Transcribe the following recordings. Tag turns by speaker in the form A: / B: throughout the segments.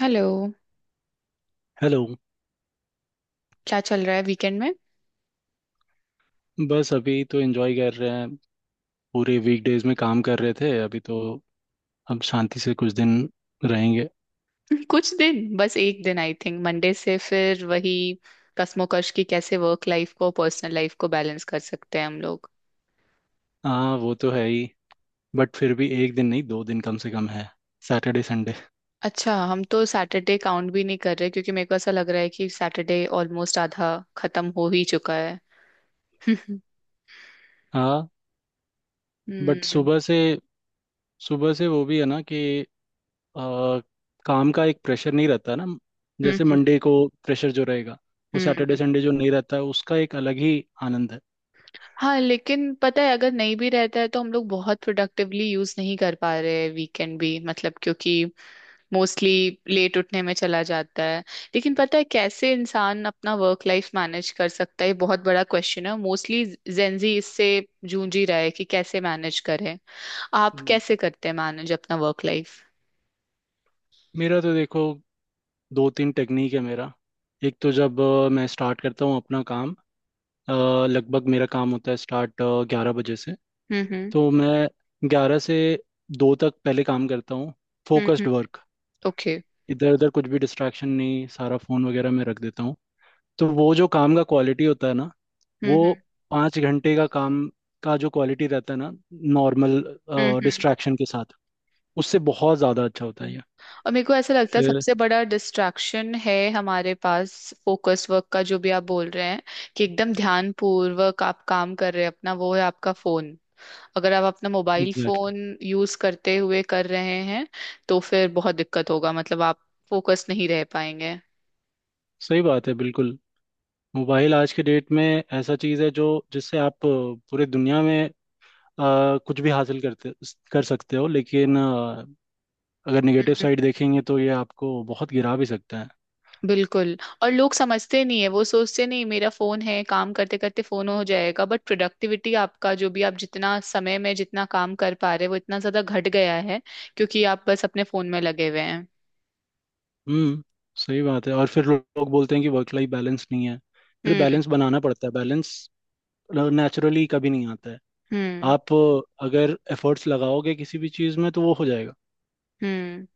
A: Hello.
B: Hello.
A: क्या चल रहा है वीकेंड में?
B: बस अभी तो एंजॉय कर रहे हैं। पूरे वीकडेज में काम कर रहे थे, अभी तो अब शांति से कुछ दिन रहेंगे।
A: कुछ दिन, बस एक दिन आई थिंक, मंडे से फिर वही कश्मोकश की कैसे वर्क लाइफ को, पर्सनल लाइफ को बैलेंस कर सकते हैं हम लोग।
B: हाँ, वो तो है ही। बट फिर भी एक दिन नहीं, 2 दिन कम से कम है, सैटरडे संडे।
A: अच्छा, हम तो सैटरडे काउंट भी नहीं कर रहे, क्योंकि मेरे को ऐसा लग रहा है कि सैटरडे ऑलमोस्ट आधा खत्म हो ही चुका है।
B: हाँ।
A: हम्म
B: बट
A: हम्म
B: सुबह से वो भी है ना कि आ, काम का एक प्रेशर नहीं रहता ना। जैसे मंडे को प्रेशर जो रहेगा, वो
A: हम्म
B: सैटरडे
A: हम्म।
B: संडे जो नहीं रहता है उसका एक अलग ही आनंद है।
A: हाँ, लेकिन पता है अगर नहीं भी रहता है तो हम लोग बहुत प्रोडक्टिवली यूज नहीं कर पा रहे हैं वीकेंड भी, मतलब क्योंकि मोस्टली लेट उठने में चला जाता है। लेकिन पता है, कैसे इंसान अपना वर्क लाइफ मैनेज कर सकता है, ये बहुत बड़ा क्वेश्चन है। मोस्टली जेंजी इससे जूझ ही रहा है कि कैसे मैनेज करें। आप
B: हम्म।
A: कैसे करते हैं मैनेज अपना वर्क लाइफ?
B: मेरा तो देखो, दो तीन टेक्निक है मेरा। एक तो जब मैं स्टार्ट करता हूँ अपना काम। अ, लगभग मेरा काम होता है स्टार्ट 11 बजे से।
A: हम्म
B: तो मैं 11 से 2 तक पहले काम करता हूँ,
A: हम्म।
B: Focused work.
A: ओके।
B: इधर उधर कुछ भी डिस्ट्रैक्शन नहीं, सारा फ़ोन वगैरह मैं रख देता हूँ। तो वो जो काम का क्वालिटी होता है ना,
A: हम्म
B: वो
A: okay, हम्म
B: 5 घंटे का काम का जो क्वालिटी रहता है ना, नॉर्मल
A: हम्म हम्म।
B: डिस्ट्रैक्शन के साथ, उससे बहुत ज़्यादा अच्छा होता है ये।
A: और मेरे को ऐसा लगता है,
B: फिर
A: सबसे बड़ा डिस्ट्रैक्शन है हमारे पास, फोकस वर्क का जो भी आप बोल रहे हैं कि एकदम ध्यान पूर्वक आप काम कर रहे हैं अपना, वो है आपका फोन। अगर आप अपना mobile
B: exactly exactly.
A: Phone use करते हुए कर रहे हैं, तो फिर बहुत दिक्कत होगा, मतलब आप फोकस नहीं रह पाएंगे।
B: सही बात है, बिल्कुल। मोबाइल आज के डेट में ऐसा चीज़ है जो जिससे आप पूरे दुनिया में अ, कुछ भी हासिल करते कर सकते हो, लेकिन अगर नेगेटिव साइड देखेंगे तो ये आपको बहुत गिरा भी सकता है।
A: बिल्कुल। और लोग समझते नहीं है, वो सोचते नहीं, मेरा फोन है, काम करते करते फोन हो जाएगा, बट प्रोडक्टिविटी आपका, जो भी आप जितना समय में जितना काम कर पा रहे हो, वो इतना ज्यादा घट गया है क्योंकि आप बस अपने फोन में लगे हुए हैं।
B: हम्म सही बात है। और फिर लोग बोलते हैं कि वर्क लाइफ बैलेंस नहीं है। फिर
A: हम्म
B: बैलेंस बनाना पड़ता है, बैलेंस नेचुरली कभी नहीं आता है।
A: हम्म
B: आप अगर एफर्ट्स लगाओगे किसी भी चीज़ में तो वो हो जाएगा।
A: हम्म।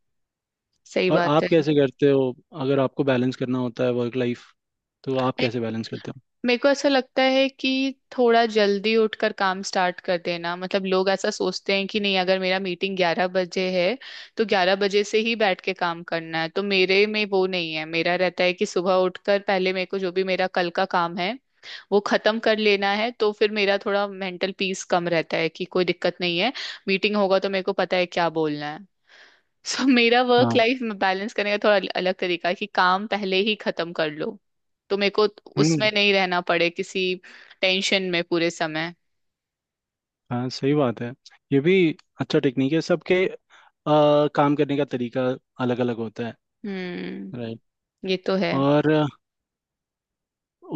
A: सही
B: और
A: बात
B: आप कैसे करते हो? अगर आपको बैलेंस करना होता है वर्क लाइफ, तो आप
A: है।
B: कैसे बैलेंस करते हो?
A: मेरे को ऐसा लगता है कि थोड़ा जल्दी उठकर काम स्टार्ट कर देना, मतलब लोग ऐसा सोचते हैं कि नहीं, अगर मेरा मीटिंग 11 बजे है तो 11 बजे से ही बैठ के काम करना है, तो मेरे में वो नहीं है। मेरा रहता है कि सुबह उठकर पहले मेरे को जो भी मेरा कल का काम है वो खत्म कर लेना है, तो फिर मेरा थोड़ा मेंटल पीस कम रहता है कि कोई दिक्कत नहीं है, मीटिंग होगा तो मेरे को पता है क्या बोलना है। सो मेरा वर्क
B: हाँ।
A: लाइफ बैलेंस करने का थोड़ा अलग तरीका है कि काम पहले ही खत्म कर लो, तो मेरे को
B: हम्म।
A: उसमें नहीं रहना पड़े किसी टेंशन में पूरे समय।
B: हाँ। सही बात है, ये भी अच्छा टेक्निक है। सबके काम करने का तरीका अलग अलग होता है।
A: हम्म।
B: राइट।
A: ये तो है।
B: और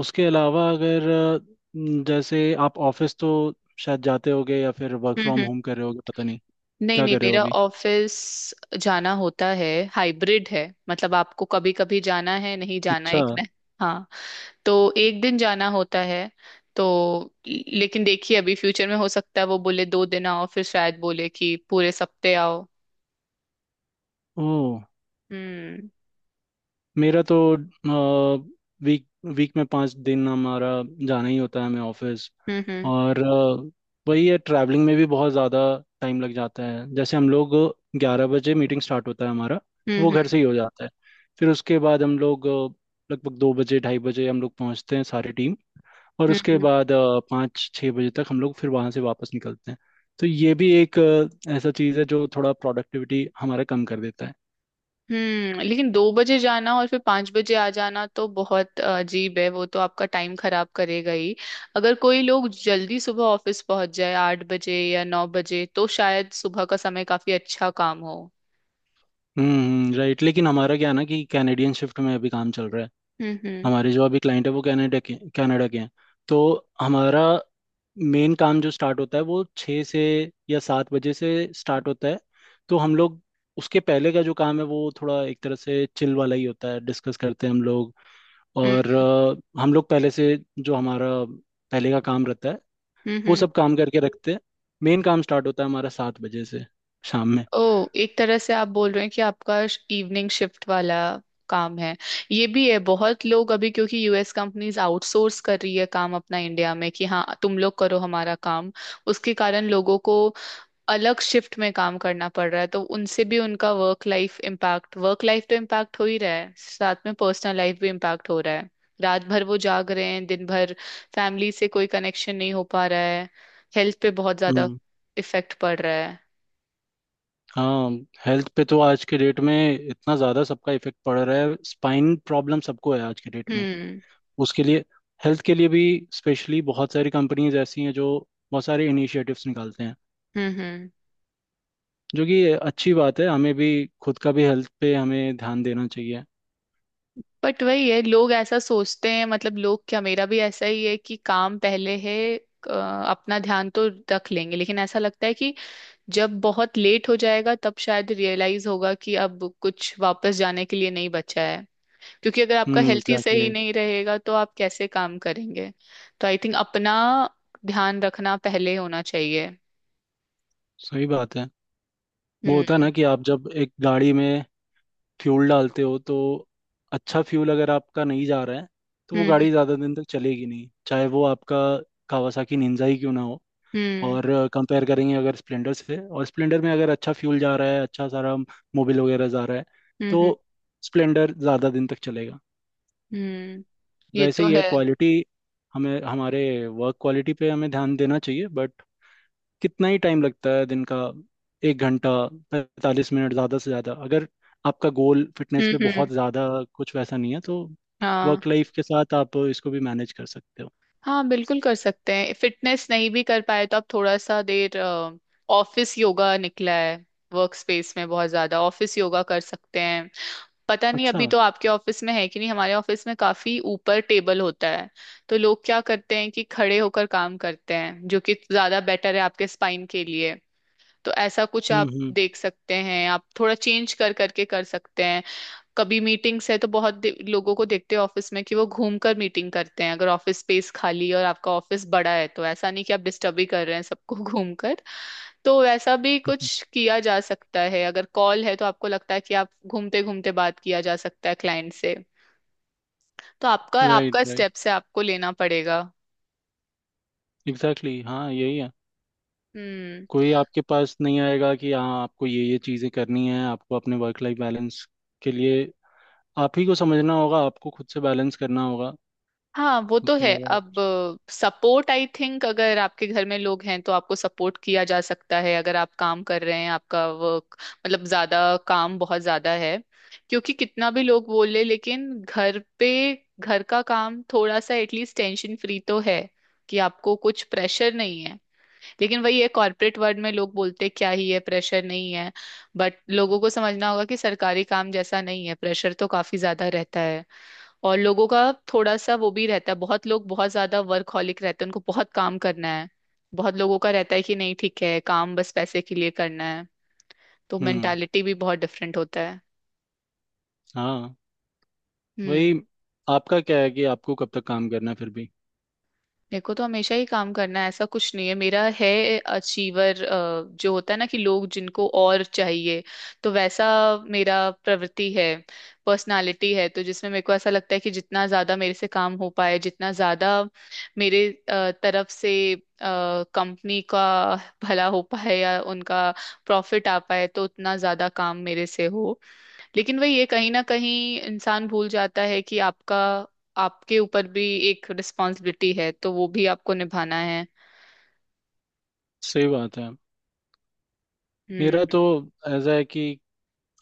B: उसके अलावा अगर जैसे आप ऑफिस तो शायद जाते होगे या फिर work
A: hmm
B: from
A: hmm
B: home कर रहे होगे, पता नहीं
A: नहीं
B: क्या
A: नहीं
B: कर रहे हो
A: मेरा
B: अभी?
A: ऑफिस जाना होता है। हाइब्रिड है, मतलब आपको कभी कभी जाना है, नहीं जाना,
B: अच्छा।
A: एक ना। हाँ, तो एक दिन जाना होता है, तो लेकिन देखिए, अभी फ्यूचर में हो सकता है वो बोले दो दिन आओ, फिर शायद बोले कि पूरे सप्ते आओ।
B: ओह।
A: हम्म
B: मेरा तो वीक वीक में पाँच दिन हमारा जाना ही होता है हमें ऑफिस।
A: हम्म हम्म
B: और वही है, ट्रैवलिंग में भी बहुत ज़्यादा टाइम लग जाता है। जैसे हम लोग 11 बजे मीटिंग स्टार्ट होता है हमारा, तो वो
A: हम्म
B: घर से ही हो जाता है। फिर उसके बाद हम लोग लगभग 2 बजे 2:30 बजे हम लोग पहुंचते हैं सारी टीम। और उसके
A: हम्म।
B: बाद 5-6 बजे तक हम लोग फिर वहाँ से वापस निकलते हैं। तो ये भी एक ऐसा चीज़ है जो थोड़ा प्रोडक्टिविटी हमारा कम कर देता है।
A: हम्म, लेकिन 2 बजे जाना और फिर 5 बजे आ जाना तो बहुत अजीब है, वो तो आपका टाइम खराब करेगा ही। अगर कोई लोग जल्दी सुबह ऑफिस पहुंच जाए 8 बजे या 9 बजे, तो शायद सुबह का समय काफी अच्छा काम हो।
B: राइट। लेकिन हमारा क्या है ना, कि कैनेडियन शिफ्ट में अभी काम चल रहा है।
A: हम्म हम्म
B: हमारे जो अभी क्लाइंट है, वो कनाडा के हैं। तो हमारा मेन काम जो स्टार्ट होता है, वो 6 से या 7 बजे से स्टार्ट होता है। तो हम लोग उसके पहले का जो काम है वो थोड़ा एक तरह से चिल वाला ही होता है, डिस्कस करते हैं हम लोग। और
A: हम्म
B: हम लोग पहले से जो हमारा पहले का काम रहता है
A: हम्म
B: वो
A: हम्म।
B: सब काम करके रखते हैं। मेन काम स्टार्ट होता है हमारा 7 बजे से, शाम में।
A: ओ, एक तरह से आप बोल रहे हैं कि आपका इवनिंग शिफ्ट वाला काम है। ये भी है, बहुत लोग अभी, क्योंकि यूएस कंपनीज आउटसोर्स कर रही है काम अपना इंडिया में कि हाँ तुम लोग करो हमारा काम, उसके कारण लोगों को अलग शिफ्ट में काम करना पड़ रहा है। तो उनसे भी उनका work life impact, work life तो इम्पैक्ट हो ही रहा है, साथ में पर्सनल लाइफ भी इम्पैक्ट हो रहा है। रात भर वो जाग रहे हैं, दिन भर फैमिली से कोई कनेक्शन नहीं हो पा रहा है, हेल्थ पे बहुत ज्यादा
B: हम्म।
A: इफेक्ट पड़ रहा है।
B: हाँ। हेल्थ पे तो आज के डेट में इतना ज़्यादा सबका इफेक्ट पड़ रहा है, स्पाइन प्रॉब्लम सबको है आज के डेट में।
A: हम्म
B: उसके लिए हेल्थ के लिए भी स्पेशली बहुत सारी कंपनीज ऐसी हैं जो बहुत सारे इनिशिएटिव्स निकालते हैं,
A: हम्म।
B: जो कि अच्छी बात है। हमें भी खुद का भी हेल्थ पे हमें ध्यान देना चाहिए।
A: बट वही है, लोग ऐसा सोचते हैं, मतलब लोग क्या मेरा भी ऐसा ही है कि काम पहले है, अपना ध्यान तो रख लेंगे, लेकिन ऐसा लगता है कि जब बहुत लेट हो जाएगा तब शायद रियलाइज होगा कि अब कुछ वापस जाने के लिए नहीं बचा है, क्योंकि अगर आपका हेल्थ ही सही
B: एग्जैक्टली।
A: नहीं रहेगा तो आप कैसे काम करेंगे। तो आई थिंक अपना ध्यान रखना पहले होना चाहिए।
B: सही बात है। वो होता है
A: हम्म
B: ना कि आप जब एक गाड़ी में फ्यूल डालते हो, तो अच्छा फ्यूल अगर आपका नहीं जा रहा है, तो वो
A: हम्म
B: गाड़ी ज़्यादा दिन तक चलेगी नहीं, चाहे वो आपका कावासाकी निंजा ही क्यों ना हो।
A: हम्म
B: और कंपेयर करेंगे अगर स्प्लेंडर से, और स्प्लेंडर में अगर अच्छा फ्यूल जा रहा है, अच्छा सारा मोबिल वगैरह जा रहा है,
A: हम्म
B: तो
A: हम्म
B: स्प्लेंडर ज़्यादा दिन तक चलेगा।
A: हम्म। ये
B: वैसे
A: तो
B: ही है
A: है।
B: क्वालिटी। हमें हमारे वर्क क्वालिटी पे हमें ध्यान देना चाहिए। बट कितना ही टाइम लगता है दिन का, 1 घंटा 45 मिनट ज़्यादा से ज़्यादा। अगर आपका गोल फिटनेस
A: हम्म
B: पे
A: हम्म
B: बहुत ज़्यादा कुछ वैसा नहीं है, तो
A: हाँ,
B: वर्क लाइफ के साथ आप इसको भी मैनेज कर सकते हो।
A: हाँ, बिल्कुल कर सकते हैं। फिटनेस नहीं भी कर पाए तो आप थोड़ा सा देर, ऑफिस योगा निकला है, वर्क स्पेस में बहुत ज्यादा ऑफिस योगा कर सकते हैं। पता नहीं
B: अच्छा।
A: अभी तो आपके ऑफिस में है कि नहीं, हमारे ऑफिस में काफी ऊपर टेबल होता है, तो लोग क्या करते हैं कि खड़े होकर काम करते हैं, जो कि ज्यादा बेटर है आपके स्पाइन के लिए। तो ऐसा कुछ आप
B: हम्म।
A: देख सकते हैं, आप थोड़ा चेंज कर करके कर सकते हैं। कभी मीटिंग्स है तो बहुत लोगों को देखते हैं ऑफिस में कि वो घूम कर मीटिंग करते हैं, अगर ऑफिस स्पेस खाली है और आपका ऑफिस बड़ा है तो ऐसा नहीं कि आप डिस्टर्ब ही कर रहे हैं सबको घूम कर, तो वैसा भी
B: हम्म।
A: कुछ किया जा सकता है। अगर कॉल है तो आपको लगता है कि आप घूमते घूमते बात किया जा सकता है क्लाइंट से, तो आपका,
B: राइट,
A: आपका
B: राइट।
A: स्टेप से आपको लेना पड़ेगा।
B: एग्जैक्टली, हाँ, यही है।
A: हम्म।
B: कोई आपके पास नहीं आएगा कि हाँ, आपको ये चीज़ें करनी है। आपको अपने वर्क लाइफ बैलेंस के लिए आप ही को समझना होगा, आपको खुद से बैलेंस करना होगा।
A: हाँ, वो तो
B: उसके
A: है।
B: अलावा और
A: अब
B: कुछ।
A: सपोर्ट आई थिंक, अगर आपके घर में लोग हैं तो आपको सपोर्ट किया जा सकता है, अगर आप काम कर रहे हैं, आपका वर्क, मतलब ज्यादा काम, बहुत ज्यादा है। क्योंकि कितना भी लोग बोले, लेकिन घर पे, घर का काम थोड़ा सा एटलीस्ट टेंशन फ्री तो है, कि आपको कुछ प्रेशर नहीं है। लेकिन वही है, कॉर्पोरेट वर्ल्ड में लोग बोलते क्या ही है, प्रेशर नहीं है, बट लोगों को समझना होगा कि सरकारी काम जैसा नहीं है, प्रेशर तो काफी ज्यादा रहता है। और लोगों का थोड़ा सा वो भी रहता है, बहुत लोग बहुत ज्यादा वर्कहॉलिक रहते हैं, उनको बहुत काम करना है। बहुत लोगों का रहता है कि नहीं ठीक है, काम बस पैसे के लिए करना है। तो
B: हम्म।
A: मेंटालिटी भी बहुत डिफरेंट होता है।
B: हाँ,
A: हम्म।
B: वही। आपका क्या है कि आपको कब तक काम करना है फिर भी?
A: मेरे को तो हमेशा ही काम करना है, ऐसा कुछ नहीं है। मेरा है अचीवर जो होता है ना, कि लोग जिनको और चाहिए, तो वैसा मेरा प्रवृत्ति है, पर्सनालिटी है। तो जिसमें मेरे को ऐसा लगता है कि जितना ज्यादा मेरे से काम हो पाए, जितना ज्यादा मेरे तरफ से कंपनी का भला हो पाए या उनका प्रॉफिट आ पाए तो उतना ज्यादा काम मेरे से हो। लेकिन वही, ये कहीं ना कहीं इंसान भूल जाता है कि आपका, आपके ऊपर भी एक रिस्पॉन्सिबिलिटी है, तो वो भी आपको निभाना है।
B: सही बात है। मेरा
A: हम्म।
B: तो ऐसा है कि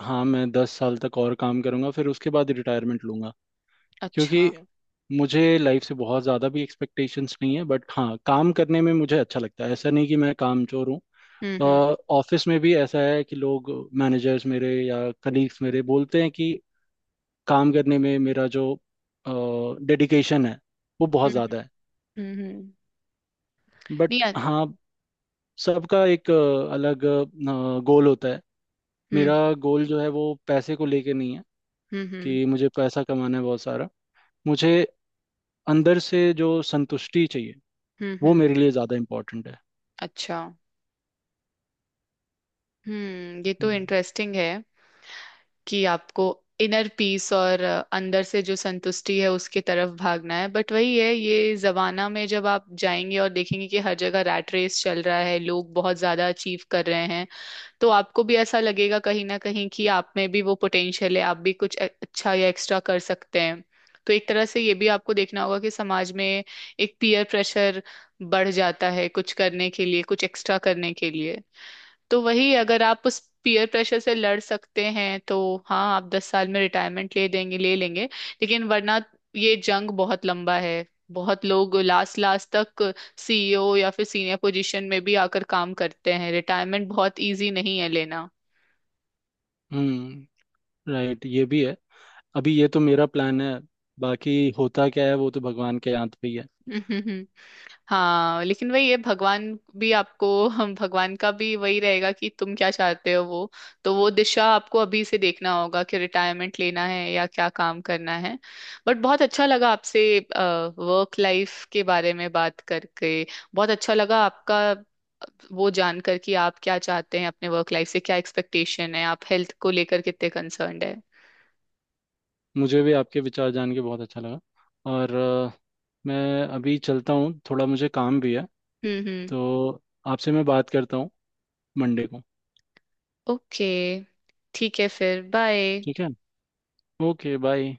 B: हाँ, मैं 10 साल तक और काम करूँगा, फिर उसके बाद रिटायरमेंट लूँगा।
A: अच्छा।
B: क्योंकि मुझे लाइफ से बहुत ज़्यादा भी एक्सपेक्टेशंस नहीं है। बट हाँ, काम करने में मुझे अच्छा लगता है, ऐसा नहीं कि मैं काम चोर हूँ।
A: हम्म हम्म
B: ऑफिस में भी ऐसा है कि लोग, मैनेजर्स मेरे या कलीग्स मेरे, बोलते हैं कि काम करने में मेरा जो डेडिकेशन है वो बहुत
A: हम्म
B: ज़्यादा है।
A: हम्म। नहीं
B: बट
A: अ-
B: हाँ, सबका एक अलग गोल होता है।
A: हम्म
B: मेरा गोल जो है, वो पैसे को लेके नहीं है
A: हम्म हम्म
B: कि मुझे पैसा कमाना है बहुत सारा। मुझे अंदर से जो संतुष्टि चाहिए,
A: हम्म हम्म,
B: वो
A: हम्म,
B: मेरे लिए ज़्यादा इम्पोर्टेंट है।
A: अच्छा। हम्म, ये तो
B: हम्म।
A: इंटरेस्टिंग है कि आपको इनर पीस और अंदर से जो संतुष्टि है उसके तरफ भागना है। बट वही है, ये जमाना में जब आप जाएंगे और देखेंगे कि हर जगह रैट रेस चल रहा है, लोग बहुत ज्यादा अचीव कर रहे हैं, तो आपको भी ऐसा लगेगा कहीं ना कहीं कि आप में भी वो पोटेंशियल है, आप भी कुछ अच्छा या एक्स्ट्रा कर सकते हैं। तो एक तरह से ये भी आपको देखना होगा कि समाज में एक पीयर प्रेशर बढ़ जाता है, कुछ करने के लिए, कुछ एक्स्ट्रा करने के लिए। तो वही, अगर आप उस पीयर प्रेशर से लड़ सकते हैं तो हाँ, आप 10 साल में रिटायरमेंट ले देंगे, ले लेंगे, लेकिन वरना ये जंग बहुत लंबा है। बहुत लोग लास्ट लास्ट तक सीईओ या फिर सीनियर पोजीशन में भी आकर काम करते हैं, रिटायरमेंट बहुत इजी नहीं है लेना।
B: हम्म। राइट, ये भी है। अभी ये तो मेरा प्लान है, बाकी होता क्या है वो तो भगवान के हाथ पे ही है।
A: हाँ, लेकिन वही है, भगवान भी आपको, हम, भगवान का भी वही रहेगा कि तुम क्या चाहते हो वो, तो वो दिशा आपको अभी से देखना होगा कि रिटायरमेंट लेना है या क्या काम करना है। बट बहुत अच्छा लगा आपसे वर्क लाइफ के बारे में बात करके। बहुत अच्छा लगा आपका वो जानकर कि आप क्या चाहते हैं अपने वर्क लाइफ से, क्या एक्सपेक्टेशन है, आप हेल्थ को लेकर कितने कंसर्न्ड है।
B: मुझे भी आपके विचार जान के बहुत अच्छा लगा। और मैं अभी चलता हूँ, थोड़ा मुझे काम भी है।
A: हम्म।
B: तो आपसे मैं बात करता हूँ मंडे को।
A: ओके, ठीक है, फिर बाय।
B: ठीक है, ओके, बाय।